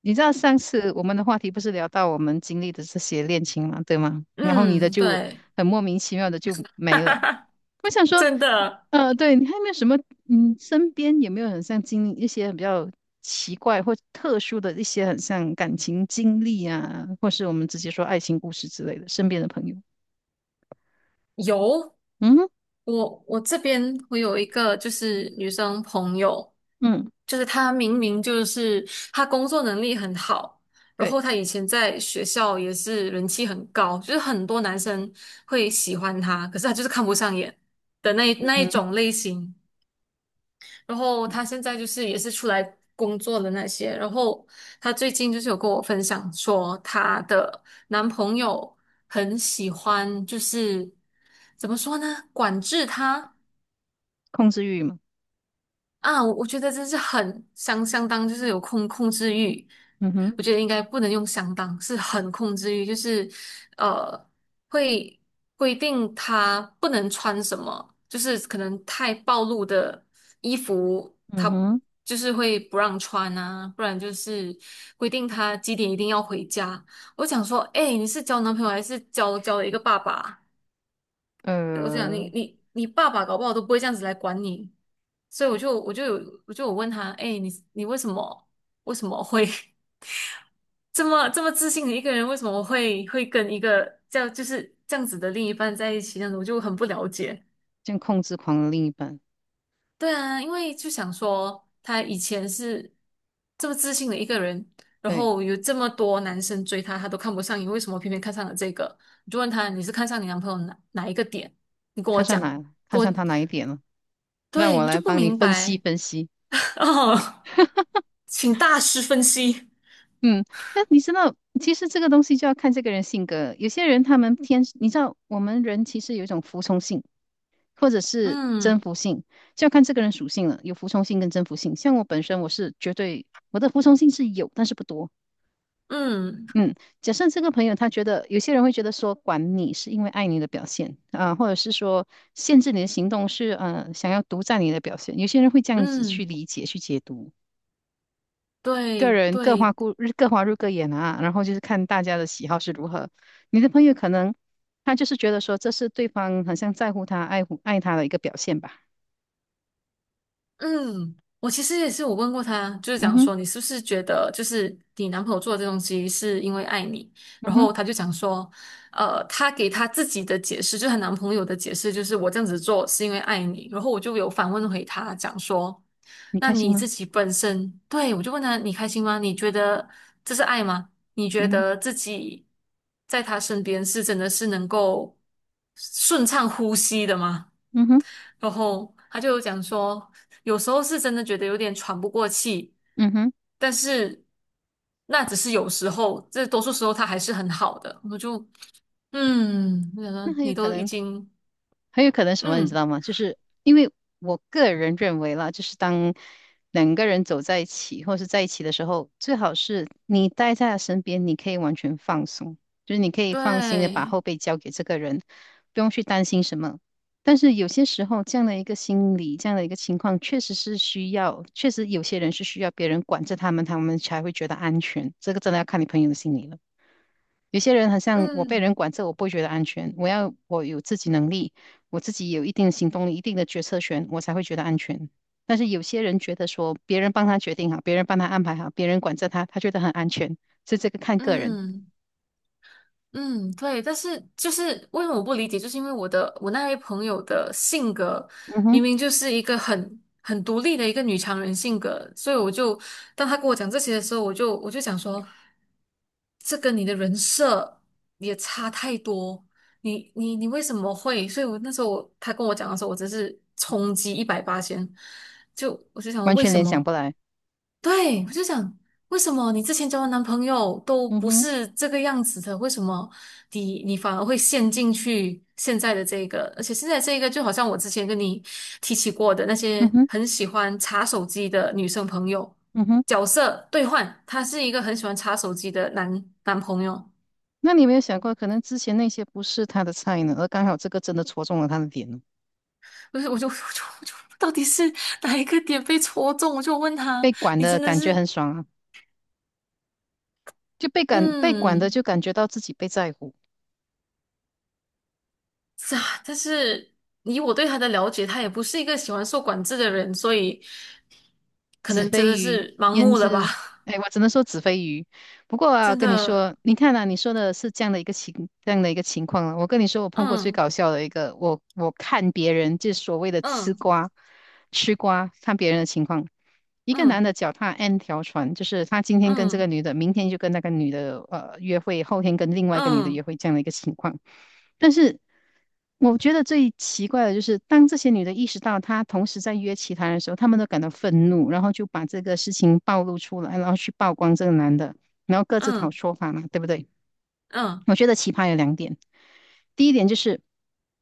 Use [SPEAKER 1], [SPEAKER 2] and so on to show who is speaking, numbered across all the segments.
[SPEAKER 1] 你知道上次我们的话题不是聊到我们经历的这些恋情嘛，对吗？然后你的
[SPEAKER 2] 嗯，
[SPEAKER 1] 就
[SPEAKER 2] 对，
[SPEAKER 1] 很莫名其妙的就
[SPEAKER 2] 哈
[SPEAKER 1] 没
[SPEAKER 2] 哈
[SPEAKER 1] 了。
[SPEAKER 2] 哈，
[SPEAKER 1] 我想说，
[SPEAKER 2] 真的
[SPEAKER 1] 对，你还有没有什么，嗯，身边有没有很像经历一些比较奇怪或特殊的一些很像感情经历啊，或是我们直接说爱情故事之类的，身边的朋友？
[SPEAKER 2] 有。
[SPEAKER 1] 嗯哼。
[SPEAKER 2] 我这边我有一个就是女生朋友，
[SPEAKER 1] 嗯，
[SPEAKER 2] 就是她明明就是她工作能力很好，然
[SPEAKER 1] 对。
[SPEAKER 2] 后她以前在学校也是人气很高，就是很多男生会喜欢她，可是她就是看不上眼的那一
[SPEAKER 1] 嗯
[SPEAKER 2] 那一
[SPEAKER 1] 哼。
[SPEAKER 2] 种类型。然后她现在就是也是出来工作的那些，然后她最近就是有跟我分享说，她的男朋友很喜欢，就是怎么说呢，管制她。
[SPEAKER 1] 控制欲嘛。
[SPEAKER 2] 啊，我觉得这是很相当，就是有控制欲。
[SPEAKER 1] 嗯
[SPEAKER 2] 我
[SPEAKER 1] 哼。
[SPEAKER 2] 觉得应该不能用相当，是很控制欲，就是呃，会规定他不能穿什么，就是可能太暴露的衣服，
[SPEAKER 1] 嗯
[SPEAKER 2] 他
[SPEAKER 1] 哼。
[SPEAKER 2] 就是会不让穿啊，不然就是规定他几点一定要回家。我想说，哎，你是交男朋友还是交了一个爸爸？我想你
[SPEAKER 1] 呃，
[SPEAKER 2] 你你爸爸搞不好都不会这样子来管你。所以我就有问他，哎，你为什么会 这么自信的一个人，为什么会跟一个这样子的另一半在一起，那我就很不了解。
[SPEAKER 1] 像控制狂的另一半。
[SPEAKER 2] 对啊，因为就想说他以前是这么自信的一个人，然
[SPEAKER 1] 对，
[SPEAKER 2] 后有这么多男生追他，他都看不上你，为什么偏偏看上了这个？我就问他，你是看上你男朋友哪一个点？你跟我
[SPEAKER 1] 看上
[SPEAKER 2] 讲，
[SPEAKER 1] 哪，看
[SPEAKER 2] 跟
[SPEAKER 1] 上
[SPEAKER 2] 我，
[SPEAKER 1] 他哪一点了？让
[SPEAKER 2] 对，
[SPEAKER 1] 我
[SPEAKER 2] 我就
[SPEAKER 1] 来
[SPEAKER 2] 不
[SPEAKER 1] 帮你
[SPEAKER 2] 明
[SPEAKER 1] 分析
[SPEAKER 2] 白。
[SPEAKER 1] 分析。
[SPEAKER 2] 哦，请大师分析。
[SPEAKER 1] 嗯，但你知道，其实这个东西就要看这个人性格。有些人他们天，你知道，我们人其实有一种服从性，或者是征
[SPEAKER 2] 嗯
[SPEAKER 1] 服性，就要看这个人属性了。有服从性跟征服性。像我本身，我是绝对我的服从性是有，但是不多。
[SPEAKER 2] 嗯
[SPEAKER 1] 嗯，假设这个朋友他觉得，有些人会觉得说，管你是因为爱你的表现啊、或者是说限制你的行动是想要独占你的表现。有些人会这样子去
[SPEAKER 2] 嗯，
[SPEAKER 1] 理解去解读。个
[SPEAKER 2] 对
[SPEAKER 1] 人各花
[SPEAKER 2] 对，
[SPEAKER 1] 各花入各眼啊，然后就是看大家的喜好是如何。你的朋友可能他就是觉得说这是对方好像在乎他、爱护爱他的一个表现吧。
[SPEAKER 2] 嗯，我其实也是，我问过他，就是
[SPEAKER 1] 嗯
[SPEAKER 2] 讲
[SPEAKER 1] 哼。
[SPEAKER 2] 说你是不是觉得，就是你男朋友做的这东西是因为爱你，
[SPEAKER 1] 嗯
[SPEAKER 2] 然
[SPEAKER 1] 哼。
[SPEAKER 2] 后他就讲说，他给他自己的解释，就是她男朋友的解释，就是我这样子做是因为爱你。然后我就有反问回他，讲说，
[SPEAKER 1] 你
[SPEAKER 2] 那
[SPEAKER 1] 开心
[SPEAKER 2] 你
[SPEAKER 1] 吗？
[SPEAKER 2] 自己本身，对，我就问他你开心吗？你觉得这是爱吗？你觉
[SPEAKER 1] 嗯哼。
[SPEAKER 2] 得自己在他身边是真的是能够顺畅呼吸的吗？
[SPEAKER 1] 嗯哼。
[SPEAKER 2] 然后他就有讲说，有时候是真的觉得有点喘不过气，
[SPEAKER 1] 嗯哼。
[SPEAKER 2] 但是那只是有时候，这多数时候他还是很好的。我就我想
[SPEAKER 1] 那
[SPEAKER 2] 说
[SPEAKER 1] 很有
[SPEAKER 2] 你
[SPEAKER 1] 可
[SPEAKER 2] 都已
[SPEAKER 1] 能
[SPEAKER 2] 经。
[SPEAKER 1] 什么，你知
[SPEAKER 2] 嗯，
[SPEAKER 1] 道吗？就是因为我个人认为啦，就是当两个人走在一起，或是在一起的时候，最好是你待在他身边，你可以完全放松，就是你可以放心的把
[SPEAKER 2] 对，
[SPEAKER 1] 后背交给这个人，不用去担心什么。但是有些时候，这样的一个心理，这样的一个情况，确实是需要，确实有些人是需要别人管着他们，他们才会觉得安全。这个真的要看你朋友的心理了。有些人好像我被人
[SPEAKER 2] 嗯
[SPEAKER 1] 管着，我不会觉得安全。我要我有自己能力，我自己有一定的行动力、一定的决策权，我才会觉得安全。但是有些人觉得说，别人帮他决定好，别人帮他安排好，别人管着他，他觉得很安全。所以这个看个人。
[SPEAKER 2] 嗯。嗯，对，但是就是为什么我不理解，就是因为我那位朋友的性格
[SPEAKER 1] 嗯哼。
[SPEAKER 2] 明明就是一个很独立的一个女强人性格。所以我就当他跟我讲这些的时候，我就想说，这跟你的人设也差太多，你为什么会？所以我那时候他跟我讲的时候，我真是冲击一百八千，就我就想
[SPEAKER 1] 完
[SPEAKER 2] 为
[SPEAKER 1] 全
[SPEAKER 2] 什
[SPEAKER 1] 联想
[SPEAKER 2] 么？
[SPEAKER 1] 不来。
[SPEAKER 2] 对，我就想，为什么你之前交的男朋友都
[SPEAKER 1] 嗯
[SPEAKER 2] 不
[SPEAKER 1] 哼。
[SPEAKER 2] 是这个样子的？为什么你反而会陷进去现在的这个？而且现在这个就好像我之前跟你提起过的那
[SPEAKER 1] 嗯
[SPEAKER 2] 些
[SPEAKER 1] 哼。
[SPEAKER 2] 很喜欢查手机的女生朋友，
[SPEAKER 1] 嗯哼。
[SPEAKER 2] 角色兑换，他是一个很喜欢查手机的男朋友，
[SPEAKER 1] 那你有没有想过，可能之前那些不是他的菜呢，而刚好这个真的戳中了他的点呢？
[SPEAKER 2] 不是？我就到底是哪一个点被戳中？我就问
[SPEAKER 1] 被
[SPEAKER 2] 他，
[SPEAKER 1] 管
[SPEAKER 2] 你
[SPEAKER 1] 的
[SPEAKER 2] 真的
[SPEAKER 1] 感觉
[SPEAKER 2] 是
[SPEAKER 1] 很爽啊，就被感被管的
[SPEAKER 2] 嗯。
[SPEAKER 1] 就感觉到自己被在乎。
[SPEAKER 2] 是啊，但是以我对他的了解，他也不是一个喜欢受管制的人，所以可
[SPEAKER 1] 子
[SPEAKER 2] 能真
[SPEAKER 1] 非
[SPEAKER 2] 的
[SPEAKER 1] 鱼
[SPEAKER 2] 是盲
[SPEAKER 1] 焉
[SPEAKER 2] 目了吧？
[SPEAKER 1] 知？哎，我只能说子非鱼。不过啊，
[SPEAKER 2] 真
[SPEAKER 1] 跟你
[SPEAKER 2] 的，
[SPEAKER 1] 说，你看啊，你说的是这样的一个情，这样的一个情况了。我跟你说，我碰过最
[SPEAKER 2] 嗯
[SPEAKER 1] 搞笑的一个，我看别人就是所谓的吃
[SPEAKER 2] 嗯
[SPEAKER 1] 瓜，吃瓜，看别人的情况。一个男
[SPEAKER 2] 嗯
[SPEAKER 1] 的脚踏 N 条船，就是他今天跟这个
[SPEAKER 2] 嗯
[SPEAKER 1] 女的，明天就跟那个女的约会，后天跟另外一个女的约
[SPEAKER 2] 嗯
[SPEAKER 1] 会这样的一个情况。但是我觉得最奇怪的就是，当这些女的意识到她同时在约其他人的时候，她们都感到愤怒，然后就把这个事情暴露出来，然后去曝光这个男的，然后各自讨
[SPEAKER 2] 嗯
[SPEAKER 1] 说法嘛，对不对？
[SPEAKER 2] 嗯
[SPEAKER 1] 我觉得奇葩有两点，第一点就是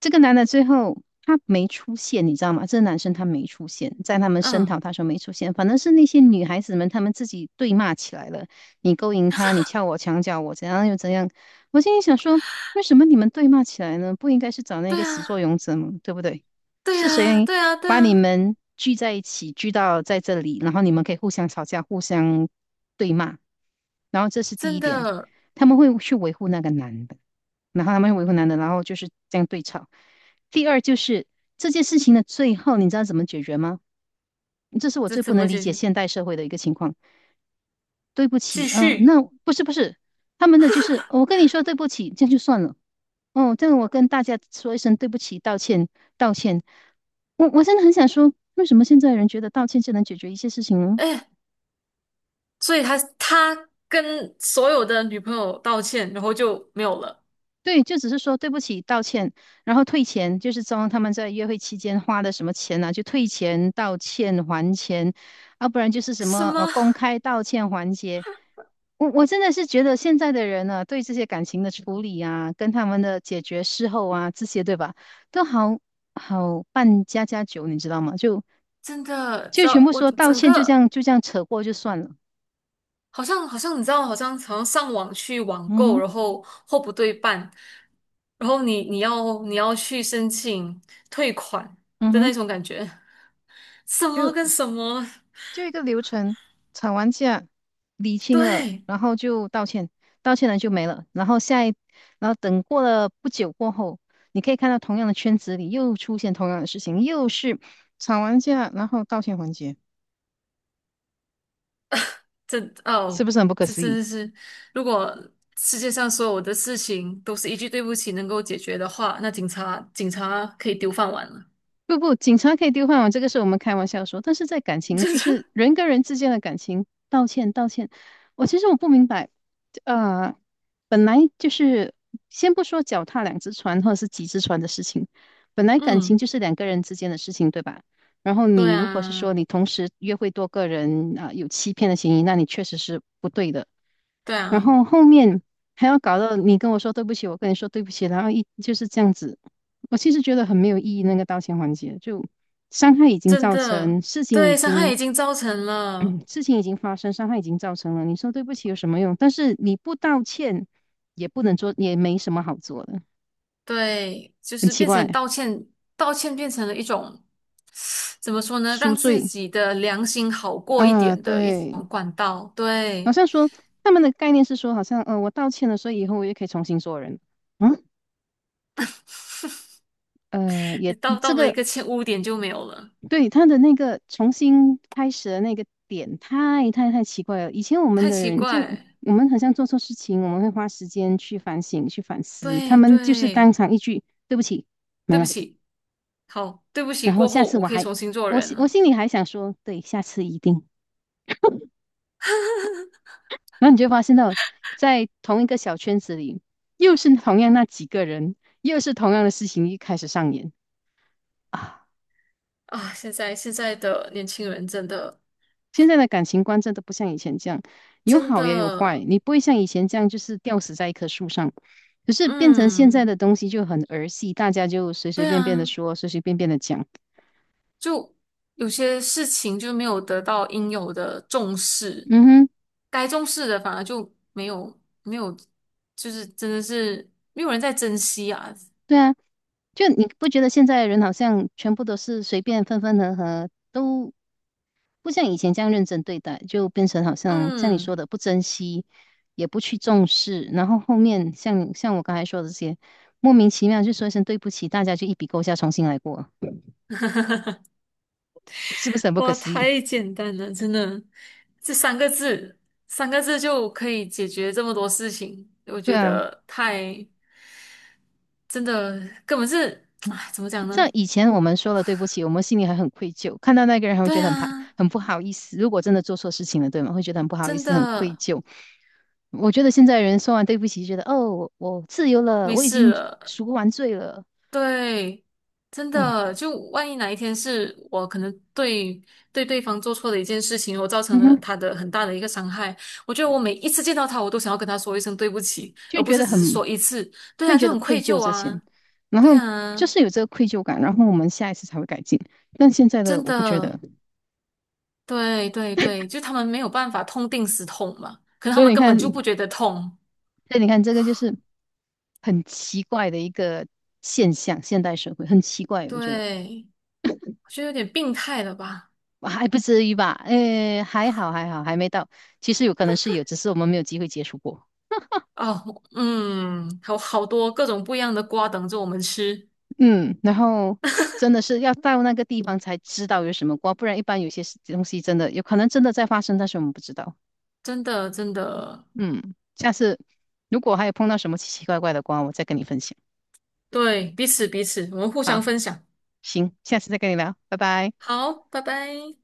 [SPEAKER 1] 这个男的最后他没出现，你知道吗？这个男生他没出现，在他们声讨
[SPEAKER 2] 嗯，
[SPEAKER 1] 他说没出现，反正是那些女孩子们她们自己对骂起来了，你勾引他，你撬我墙角，我怎样又怎样。我心里想说，为什么你们对骂起来呢？不应该是找那
[SPEAKER 2] 对
[SPEAKER 1] 个始作
[SPEAKER 2] 啊，
[SPEAKER 1] 俑者吗？对不对？
[SPEAKER 2] 对
[SPEAKER 1] 是
[SPEAKER 2] 啊，
[SPEAKER 1] 谁
[SPEAKER 2] 对啊，对
[SPEAKER 1] 把你
[SPEAKER 2] 啊，
[SPEAKER 1] 们聚在一起，聚到在这里，然后你们可以互相吵架、互相对骂？然后这是第
[SPEAKER 2] 真
[SPEAKER 1] 一点，
[SPEAKER 2] 的，
[SPEAKER 1] 他们会去维护那个男的，然后他们会维护男的，然后就是这样对吵。第二就是这件事情的最后，你知道怎么解决吗？这是我
[SPEAKER 2] 这
[SPEAKER 1] 最不
[SPEAKER 2] 怎
[SPEAKER 1] 能
[SPEAKER 2] 么
[SPEAKER 1] 理
[SPEAKER 2] 解
[SPEAKER 1] 解
[SPEAKER 2] 决？
[SPEAKER 1] 现代社会的一个情况。对不起，
[SPEAKER 2] 继续，
[SPEAKER 1] 那不是不是，他们的就是哦我跟你说对不起，这样就算了。哦，这样我跟大家说一声对不起，道歉，道歉。我真的很想说，为什么现在人觉得道歉就能解决一些事情呢？
[SPEAKER 2] 哎，所以他跟所有的女朋友道歉，然后就没有了。
[SPEAKER 1] 对，就只是说对不起，道歉，然后退钱，就是装他们在约会期间花的什么钱啊，就退钱、道歉、还钱，要不然就是什
[SPEAKER 2] 什
[SPEAKER 1] 么
[SPEAKER 2] 么？
[SPEAKER 1] 公开道歉环节。我真的是觉得现在的人呢、对这些感情的处理啊，跟他们的解决事后啊，这些对吧，都好好办家家酒，你知道吗？就。
[SPEAKER 2] 真的，知
[SPEAKER 1] 就全
[SPEAKER 2] 道
[SPEAKER 1] 部
[SPEAKER 2] 我
[SPEAKER 1] 说道
[SPEAKER 2] 整
[SPEAKER 1] 歉，就这
[SPEAKER 2] 个。
[SPEAKER 1] 样扯过就算了。
[SPEAKER 2] 好像你知道，好像上网去网
[SPEAKER 1] 嗯
[SPEAKER 2] 购，
[SPEAKER 1] 哼。
[SPEAKER 2] 然后货不对半，然后你要去申请退款
[SPEAKER 1] 嗯
[SPEAKER 2] 的
[SPEAKER 1] 哼。
[SPEAKER 2] 那种感觉，什么跟
[SPEAKER 1] 就
[SPEAKER 2] 什么？
[SPEAKER 1] 就一个流程，吵完架，理清了，
[SPEAKER 2] 对，
[SPEAKER 1] 然后就道歉，道歉了就没了。然后下一，然后等过了不久过后，你可以看到同样的圈子里又出现同样的事情，又是吵完架，然后道歉环节，
[SPEAKER 2] 这
[SPEAKER 1] 是
[SPEAKER 2] 哦，
[SPEAKER 1] 不是很不可
[SPEAKER 2] 这
[SPEAKER 1] 思
[SPEAKER 2] 真
[SPEAKER 1] 议？
[SPEAKER 2] 的是，如果世界上所有的事情都是一句对不起能够解决的话，那警察可以丢饭碗了。
[SPEAKER 1] 不不，警察可以丢饭碗，这个是我们开玩笑说。但是在感 情，
[SPEAKER 2] 真
[SPEAKER 1] 就
[SPEAKER 2] 的。
[SPEAKER 1] 是人跟人之间的感情，道歉道歉。我其实我不明白，呃，本来就是先不说脚踏两只船或者是几只船的事情，本来感情
[SPEAKER 2] 嗯，
[SPEAKER 1] 就是两个人之间的事情，对吧？然后
[SPEAKER 2] 对
[SPEAKER 1] 你如果是
[SPEAKER 2] 啊，
[SPEAKER 1] 说你同时约会多个人啊，有欺骗的嫌疑，那你确实是不对的。
[SPEAKER 2] 对
[SPEAKER 1] 然
[SPEAKER 2] 啊，
[SPEAKER 1] 后后面还要搞到你跟我说对不起，我跟你说对不起，然后一就是这样子，我其实觉得很没有意义，那个道歉环节，就伤害已经
[SPEAKER 2] 真
[SPEAKER 1] 造成，
[SPEAKER 2] 的，
[SPEAKER 1] 事情已
[SPEAKER 2] 对，伤害
[SPEAKER 1] 经，
[SPEAKER 2] 已经造成了。
[SPEAKER 1] 事情已经发生，伤害已经造成了，你说对不起有什么用？但是你不道歉，也不能做，也没什么好做的，
[SPEAKER 2] 对，就
[SPEAKER 1] 很
[SPEAKER 2] 是
[SPEAKER 1] 奇
[SPEAKER 2] 变
[SPEAKER 1] 怪。
[SPEAKER 2] 成道歉，道歉变成了一种，怎么说呢，
[SPEAKER 1] 赎
[SPEAKER 2] 让自
[SPEAKER 1] 罪。
[SPEAKER 2] 己的良心好过一
[SPEAKER 1] 啊，
[SPEAKER 2] 点的一
[SPEAKER 1] 对。
[SPEAKER 2] 种管道。
[SPEAKER 1] 好
[SPEAKER 2] 对，
[SPEAKER 1] 像说他们的概念是说，好像，我道歉了，所以以后我也可以重新做人。嗯，
[SPEAKER 2] 道
[SPEAKER 1] 这
[SPEAKER 2] 到了一
[SPEAKER 1] 个
[SPEAKER 2] 个欠污点就没有了，
[SPEAKER 1] 对，他的那个重新开始的那个点太太太奇怪了。以前我们
[SPEAKER 2] 太
[SPEAKER 1] 的
[SPEAKER 2] 奇
[SPEAKER 1] 人就
[SPEAKER 2] 怪。
[SPEAKER 1] 我们好像做错事情，我们会花时间去反省、去反思。他
[SPEAKER 2] 对
[SPEAKER 1] 们就是当
[SPEAKER 2] 对，
[SPEAKER 1] 场一句“对不起”没
[SPEAKER 2] 对不
[SPEAKER 1] 了，
[SPEAKER 2] 起，好，对不起，
[SPEAKER 1] 然后
[SPEAKER 2] 过
[SPEAKER 1] 下
[SPEAKER 2] 后
[SPEAKER 1] 次
[SPEAKER 2] 我
[SPEAKER 1] 我
[SPEAKER 2] 可以
[SPEAKER 1] 还
[SPEAKER 2] 重新做人
[SPEAKER 1] 我
[SPEAKER 2] 了。
[SPEAKER 1] 心里还想说“对，下次一定”。然后你就发现到，在同一个小圈子里，又是同样那几个人，又是同样的事情一开始上演啊。
[SPEAKER 2] 啊！现在的年轻人真的
[SPEAKER 1] 现在的感情观真的不像以前这样，有
[SPEAKER 2] 真
[SPEAKER 1] 好也有坏，
[SPEAKER 2] 的，
[SPEAKER 1] 你不会像以前这样就是吊死在一棵树上。可是变成现在
[SPEAKER 2] 嗯，
[SPEAKER 1] 的东西就很儿戏，大家就随随
[SPEAKER 2] 对
[SPEAKER 1] 便便的
[SPEAKER 2] 啊。
[SPEAKER 1] 说，随随便便的讲。
[SPEAKER 2] 就有些事情就没有得到应有的重视，
[SPEAKER 1] 嗯哼。
[SPEAKER 2] 该重视的反而就没有没有，就是真的是没有人在珍惜啊。
[SPEAKER 1] 对啊，就你不觉得现在的人好像全部都是随便分分合合，都不像以前这样认真对待，就变成好像像你说
[SPEAKER 2] 嗯，
[SPEAKER 1] 的不珍惜，也不去重视，然后后面像我刚才说的这些，莫名其妙就说一声对不起，大家就一笔勾销，重新来过。是不是很不可
[SPEAKER 2] 哇，
[SPEAKER 1] 思议？
[SPEAKER 2] 太简单了，真的，这三个字，三个字就可以解决这么多事情，我
[SPEAKER 1] 对
[SPEAKER 2] 觉
[SPEAKER 1] 啊。
[SPEAKER 2] 得太真的根本是，
[SPEAKER 1] 嗯，
[SPEAKER 2] 哎，怎么讲
[SPEAKER 1] 像
[SPEAKER 2] 呢？
[SPEAKER 1] 以前我们说了对不起，我们心里还很愧疚，看到那个人还会觉
[SPEAKER 2] 对
[SPEAKER 1] 得很排，
[SPEAKER 2] 啊，
[SPEAKER 1] 很不好意思。如果真的做错事情了，对吗？会觉得很不好意
[SPEAKER 2] 真
[SPEAKER 1] 思，很愧
[SPEAKER 2] 的
[SPEAKER 1] 疚。我觉得现在人说完对不起，觉得哦，我自由了，
[SPEAKER 2] 没
[SPEAKER 1] 我已
[SPEAKER 2] 事
[SPEAKER 1] 经
[SPEAKER 2] 了。
[SPEAKER 1] 赎完罪了。
[SPEAKER 2] 对，真
[SPEAKER 1] 嗯。
[SPEAKER 2] 的，就万一哪一天是我可能对对方做错的一件事情，我造成
[SPEAKER 1] 嗯
[SPEAKER 2] 了
[SPEAKER 1] 哼。
[SPEAKER 2] 他的很大的一个伤害，我觉得我每一次见到他，我都想要跟他说一声对不起，
[SPEAKER 1] 就
[SPEAKER 2] 而不
[SPEAKER 1] 觉
[SPEAKER 2] 是
[SPEAKER 1] 得
[SPEAKER 2] 只是
[SPEAKER 1] 很
[SPEAKER 2] 说一次。对
[SPEAKER 1] 会
[SPEAKER 2] 啊，
[SPEAKER 1] 觉
[SPEAKER 2] 就
[SPEAKER 1] 得
[SPEAKER 2] 很
[SPEAKER 1] 愧
[SPEAKER 2] 愧
[SPEAKER 1] 疚
[SPEAKER 2] 疚
[SPEAKER 1] 这些，
[SPEAKER 2] 啊，
[SPEAKER 1] 然后
[SPEAKER 2] 对
[SPEAKER 1] 就
[SPEAKER 2] 啊，
[SPEAKER 1] 是有这个愧疚感，然后我们下一次才会改进。但现在的
[SPEAKER 2] 真
[SPEAKER 1] 我不觉得，
[SPEAKER 2] 的，对对对，就他们没有办法痛定思痛嘛，可能他
[SPEAKER 1] 所以
[SPEAKER 2] 们
[SPEAKER 1] 你
[SPEAKER 2] 根本
[SPEAKER 1] 看，
[SPEAKER 2] 就不觉得痛，
[SPEAKER 1] 这个就是很奇怪的一个现象，现代社会很奇怪，我觉得
[SPEAKER 2] 对，我觉得有点病态了吧？
[SPEAKER 1] 还不至于吧？诶，还好还好，还没到。其实有可能是有，只是我们没有机会接触过。
[SPEAKER 2] 哦，嗯，有好多各种不一样的瓜等着我们吃。
[SPEAKER 1] 嗯，然后真的是要到那个地方才知道有什么瓜，不然一般有些事东西真的有可能真的在发生，但是我们不知道。
[SPEAKER 2] 真的真的，
[SPEAKER 1] 嗯，下次如果还有碰到什么奇奇怪怪的瓜，我再跟你分享。
[SPEAKER 2] 对，彼此彼此，我们互
[SPEAKER 1] 好，
[SPEAKER 2] 相分享。
[SPEAKER 1] 行，下次再跟你聊，拜拜。
[SPEAKER 2] 好，拜拜。